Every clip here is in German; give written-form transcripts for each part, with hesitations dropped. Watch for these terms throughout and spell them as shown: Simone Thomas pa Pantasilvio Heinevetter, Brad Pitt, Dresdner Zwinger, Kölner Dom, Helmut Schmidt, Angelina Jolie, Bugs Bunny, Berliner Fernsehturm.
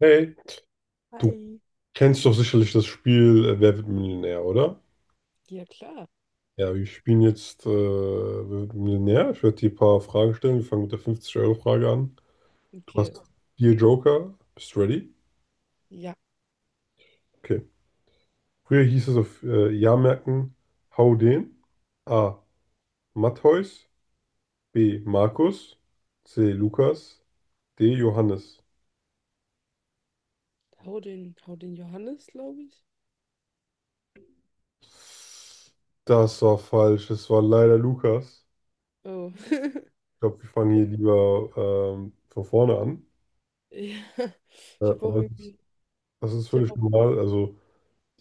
Hey, du Hi. kennst doch sicherlich das Spiel Wer wird Millionär, oder? Ja, klar. Ja, wir spielen jetzt Wer wird Millionär. Ich werde dir ein paar Fragen stellen. Wir fangen mit der 50-Euro-Frage an. Du Okay. hast vier Joker. Bist du ready? Ja, Okay. Früher hieß es auf Jahrmärkten Hau den. A. Matthäus. B. Markus. C. Lukas. D. Johannes. Hau den Johannes, glaube ich. Das war falsch. Es war leider Lukas. Oh. Ich glaube, wir fangen hier lieber von vorne an. Ja, Äh, ich habe auch aber irgendwie, Das ist ich habe völlig auch, normal. Also,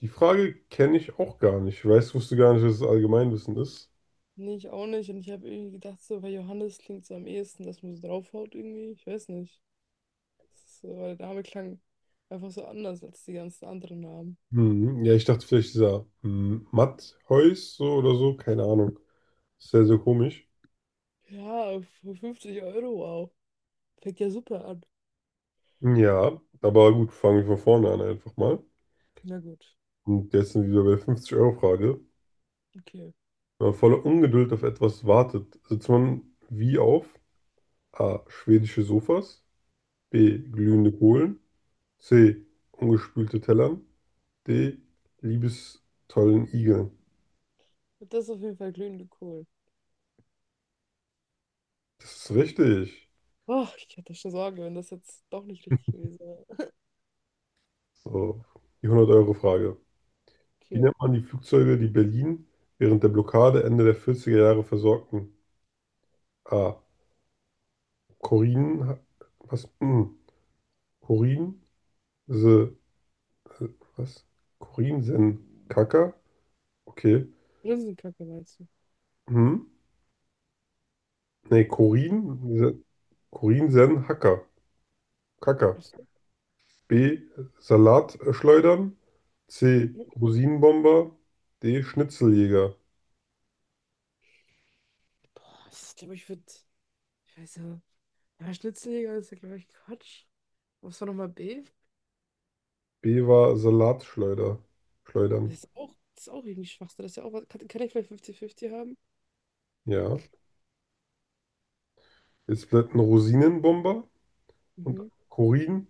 die Frage kenne ich auch gar nicht. Ich weiß, wusste gar nicht, dass es Allgemeinwissen ist. nee, ich auch nicht. Und ich habe irgendwie gedacht, so, weil Johannes klingt so am ehesten, dass man so draufhaut irgendwie. Ich weiß nicht. Das ist So, weil der Name klang einfach so anders als die ganzen anderen Namen. Hm, ja, ich dachte vielleicht dieser Matthäus so oder so, keine Ahnung. Sehr, sehr komisch. Ja, für 50 Euro, wow. Fängt ja super an. Ja, aber gut, fangen wir von vorne an einfach mal. Na gut, Und jetzt sind wir wieder bei der 50-Euro-Frage. okay. Wenn man voller Ungeduld auf etwas wartet, sitzt man wie auf A. Schwedische Sofas, B. Glühende Kohlen, C. Ungespülte Tellern, D. Liebestollen Igeln. Das ist auf jeden Fall glühende Kohl. Das ist richtig. Oh, ich hatte schon Sorge, wenn das jetzt doch nicht richtig gewesen wäre. So, die 100 Euro Frage. Wie Okay. nennt man die Flugzeuge, die Berlin während der Blockade Ende der vierziger Jahre versorgten? A. Korin, was? Hm. Korin, se, äh, was? Korin, sen, Kaka? Okay. Linsenkacke meinst du? Hm? Nee, Korin, se, Korin, sen, Hacker. Kaka. Ich, so, B. Salatschleudern. C. hm, Rosinenbomber. D. Schnitzeljäger. boah, ich glaube, ich würde. Ich weiß ja. Ja, Schnitzeljäger ist ja, glaube ich, Quatsch. Was war nochmal B? B war Salatschleuder. Schleudern. Das ist auch irgendwie Schwachsinn. Das ist ja auch was. Kann ich vielleicht 50-50 haben? Ja. Jetzt bleibt ein Rosinenbomber und Mhm. Korin.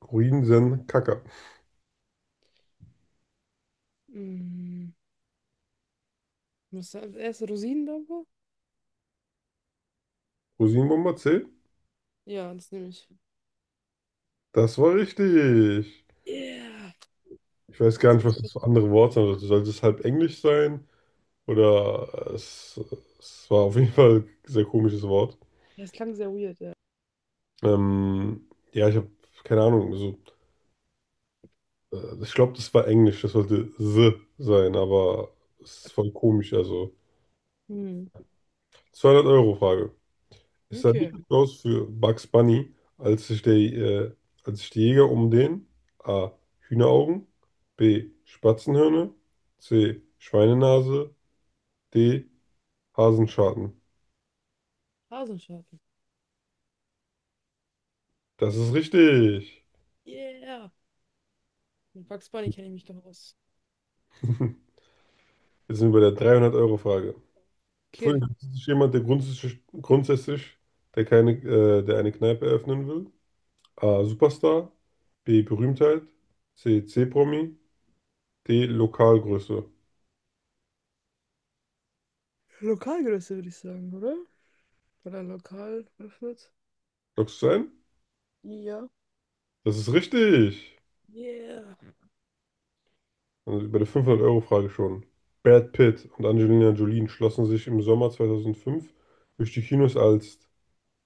Korin sen Kaka. Mm, muss da als erstes Rosinendampfer? Rosinenbomber C. Ja, das nehme ich. Das war richtig. Yeah! Ich weiß gar nicht, Das, was das für andere Worte sind. Also sollte es halb Englisch sein? Oder es war auf jeden Fall ein sehr komisches Wort. das klang sehr weird, ja. Ja, ich habe keine Ahnung. Also, ich glaube, das war Englisch. Das sollte the sein, aber es ist voll komisch. Also Hm. 200 Euro Frage. Ich sah nicht Okay. gut aus für Bugs Bunny, als sich als sich die Jäger um den A. Hühneraugen, B. Spatzenhörner, C. Schweinenase, D. Hasenschaden. Hasenscharten. Das ist richtig. Yeah! Mit Bugs Bunny kenne ich mich doch aus. Jetzt sind wir bei der 300-Euro-Frage. Für Okay. ist jemand, der grundsätzlich der keine, der eine Kneipe eröffnen will. A. Superstar, B. Berühmtheit, C. C-Promi, D. Lokalgröße. Lokalgröße würde ich sagen, oder? Oder lokal öffnet. Lockst du es ein? Ja. Das ist richtig. Yeah. Also bei der 500-Euro-Frage schon. Brad Pitt und Angelina Jolie schlossen sich im Sommer 2005 durch die Kinos als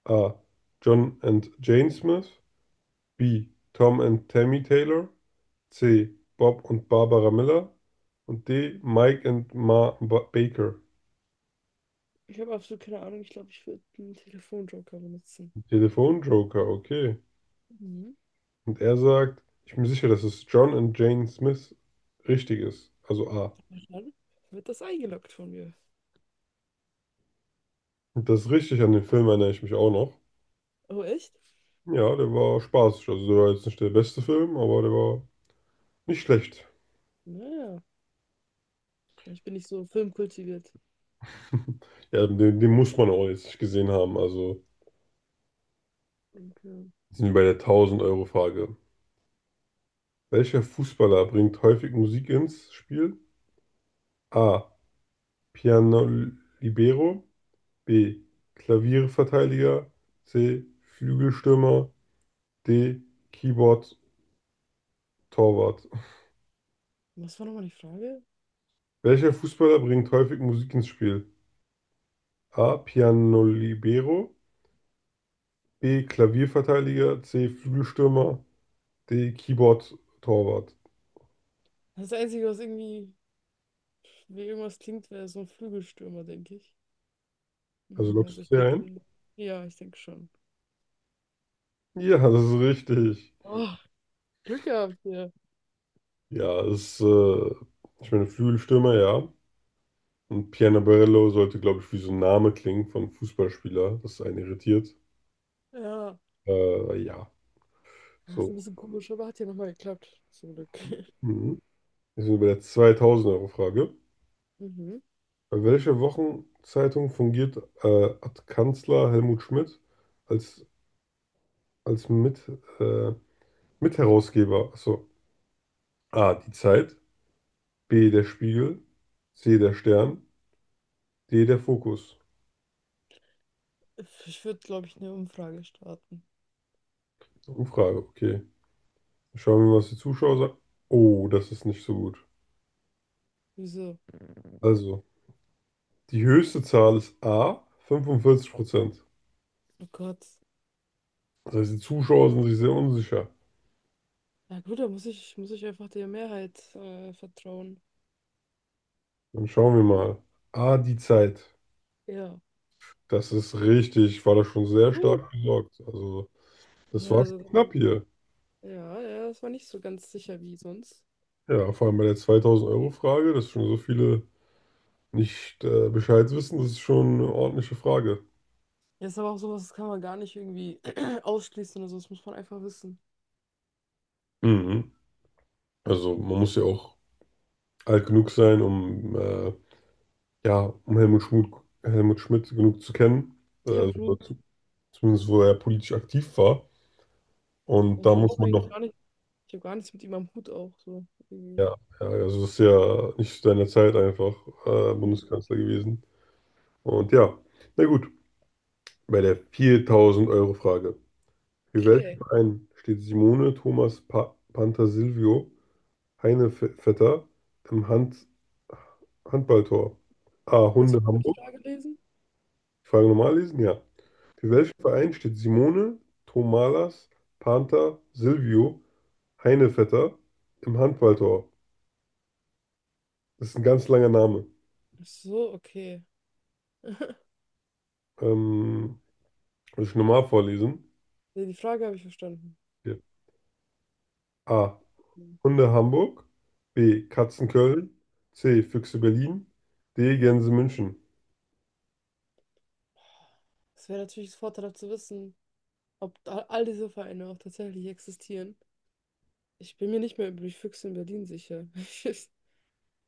A. John and Jane Smith, B. Tom and Tammy Taylor, C. Bob und Barbara Miller und D. Mike and Ma ba Baker. Ich habe absolut keine Ahnung. Ich glaube, ich würde einen Telefonjoker benutzen. Telefonjoker, okay. Mhm. Und er sagt, ich bin mir sicher, dass es John and Jane Smith richtig ist. Also A. Dann wird das eingeloggt von mir. Und das richtig an den Film erinnere ich mich auch noch. Oh, echt? Ja, der war spaßig. Also der war jetzt nicht der beste Film, aber der war nicht schlecht. Naja. Ich bin nicht so filmkultiviert. Ja, den muss man auch jetzt nicht gesehen haben. Also Okay. sind wir bei der 1000-Euro-Frage. Welcher Fußballer bringt häufig Musik ins Spiel? A. Piano Libero. B. Klavierverteidiger. C. Flügelstürmer. D. Keyboard Torwart. Was war nochmal die Frage? Welcher Fußballer bringt häufig Musik ins Spiel? A. Piano Libero. B. Klavierverteidiger. C. Flügelstürmer. Die Keyboard-Torwart. Das Einzige, was irgendwie wie irgendwas klingt, wäre so ein Flügelstürmer, denke ich. Also lockst Also ich du sie ein? denke, ja, ich denke schon. Ja, das ist richtig. Oh, Glück gehabt hier. Ja, es ist, ich meine, Flügelstürmer, ja. Und Piano sollte, glaube ich, wie so ein Name klingen von Fußballspieler, das einen irritiert. Ja. Ja, Das ist ein so. bisschen komisch, aber hat ja nochmal geklappt. Zum Glück. Mhm. Wir sind bei der 2000 Euro Frage. Mhm. Bei welcher Wochenzeitung fungiert äh, Ad Kanzler Helmut Schmidt als, als äh, Mitherausgeber? Achso. A. Die Zeit. B. Der Spiegel. C. Der Stern. D. Der Fokus. Ich würde, glaube ich, eine Umfrage starten. Umfrage, okay. Schauen wir mal, was die Zuschauer sagen. Oh, das ist nicht so gut. Wieso? Also, die höchste Zahl ist A, 45%. Oh Gott. Das heißt, die Zuschauer sind sich sehr unsicher. Na gut, muss ich einfach der Mehrheit vertrauen. Dann schauen wir mal. A, die Zeit. Ja. Das ist richtig, war da schon sehr Uh. stark gesorgt. Also, das Ja, war schon also, knapp hier. ja, ja, das war nicht so ganz sicher wie sonst. Ja, vor allem bei der 2000-Euro-Frage, dass schon so viele nicht Bescheid wissen, das ist schon eine ordentliche Frage. Ja, ist aber auch sowas, das kann man gar nicht irgendwie ausschließen oder so, das muss man einfach wissen. Mhm. Also, man muss ja auch alt genug sein, um ja, um Helmut Schmidt genug zu kennen, Im also Hut. Zumindest wo er politisch aktiv war. Und Ich da habe muss auch man eigentlich noch, gar nicht, ich habe gar nichts mit ihm am Hut auch so. Irgendwie. ja, ja, also das ist ja nicht zu deiner Zeit einfach Bundeskanzler gewesen. Und ja, na gut, bei der 4000 Euro Frage. Für welchen Okay. Verein steht Simone Thomas pa Pantasilvio Heinevetter im Handballtor? A. Kannst Hunde du mal die Hamburg. Frage lesen? Die Frage normal lesen? Ja. Für Ja. welchen Verein steht Simone Tomalas Panther Silvio Heinevetter im Handballtor? Das ist ein ganz langer Name. Ach so, okay. Ähm, Muss ich normal vorlesen? Nee, die Frage habe ich verstanden. Hier. A. Hm. Hunde Hamburg. B. Katzen Köln. C. Füchse Berlin. D. Gänse München. Es wäre natürlich das Vorteil zu wissen, ob all diese Vereine auch tatsächlich existieren. Ich bin mir nicht mehr über die Füchse in Berlin sicher. Ich,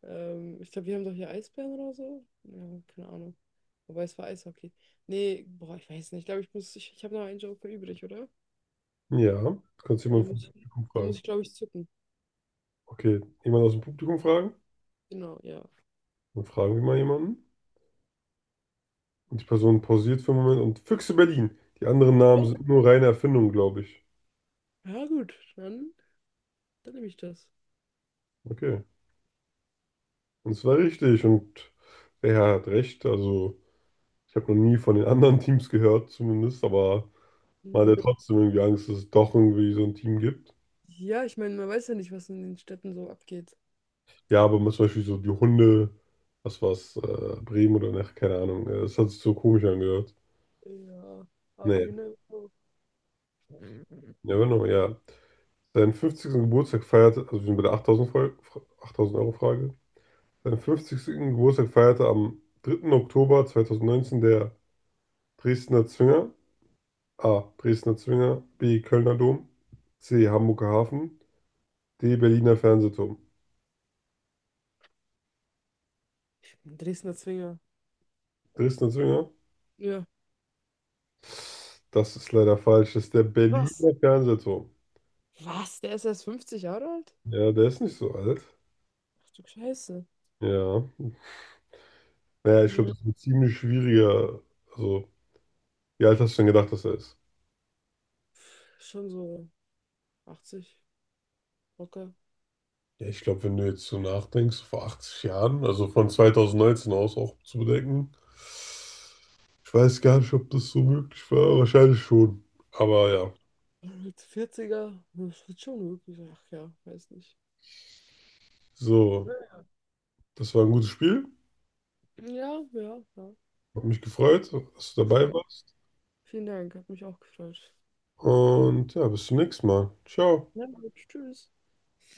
Ich glaube, wir haben doch hier Eisbären oder so. Ja, keine Ahnung. Wobei es war Eishockey. Nee, boah, ich weiß nicht. Ich glaube, ich habe noch einen Joker übrig, oder? Ja, kannst du Weil jemanden Den muss vom ich, Publikum den muss fragen. ich, glaube ich, zücken. Okay, jemand aus dem Publikum fragen? Genau, ja. Dann fragen wir mal jemanden. Die Person pausiert für einen Moment und Füchse Berlin. Die anderen Namen Oh, sind nur reine Erfindung, glaube ich. ja gut, dann, dann nehme ich das. Okay. Und es war richtig und er hat recht. Also, ich habe noch nie von den anderen Teams gehört, zumindest, aber Ja, man hat ja trotzdem irgendwie Angst, dass es doch irgendwie so ein Team gibt. ja, ich meine, man weiß ja nicht, was in den Städten so abgeht. Ja, aber zum Beispiel so die Hunde, was war's, Bremen oder nach, keine Ahnung. Das hat sich so komisch angehört. Ja, aber Nee, you never know. never know, ja. Seinen 50. Geburtstag feierte, also wir sind bei der 8000 Euro Frage. Seinen fünfzigsten Geburtstag feierte am 3. Oktober 2019 der Dresdner Zwinger, A. Dresdner Zwinger, B. Kölner Dom, C. Hamburger Hafen, D. Berliner Fernsehturm. Ein Dresdner Zwinger. Dresdner Zwinger? Ja. Das ist leider falsch. Das ist der Was? Berliner Fernsehturm. Was? Der ist erst 50 Jahre alt? Ja, der ist nicht so alt. Ach du Scheiße. Ja. Naja, ich glaube, Ja. das ist ein ziemlich schwieriger. Also, wie alt hast du denn gedacht, dass er ist? Schon so 80, locker. Ja, ich glaube, wenn du jetzt so nachdenkst, vor 80 Jahren, also von 2019 aus auch zu bedenken. Ich weiß gar nicht, ob das so möglich war. Wahrscheinlich schon. Aber ja, Mit 40er, das wird schon möglich. Ach ja, weiß nicht. so, Ja, das war ein gutes Spiel. ja, ja. Hat mich gefreut, dass du Ja. dabei warst. Vielen Dank, hat mich auch gefreut. Und ja, bis zum nächsten Mal. Ciao. Na gut, tschüss.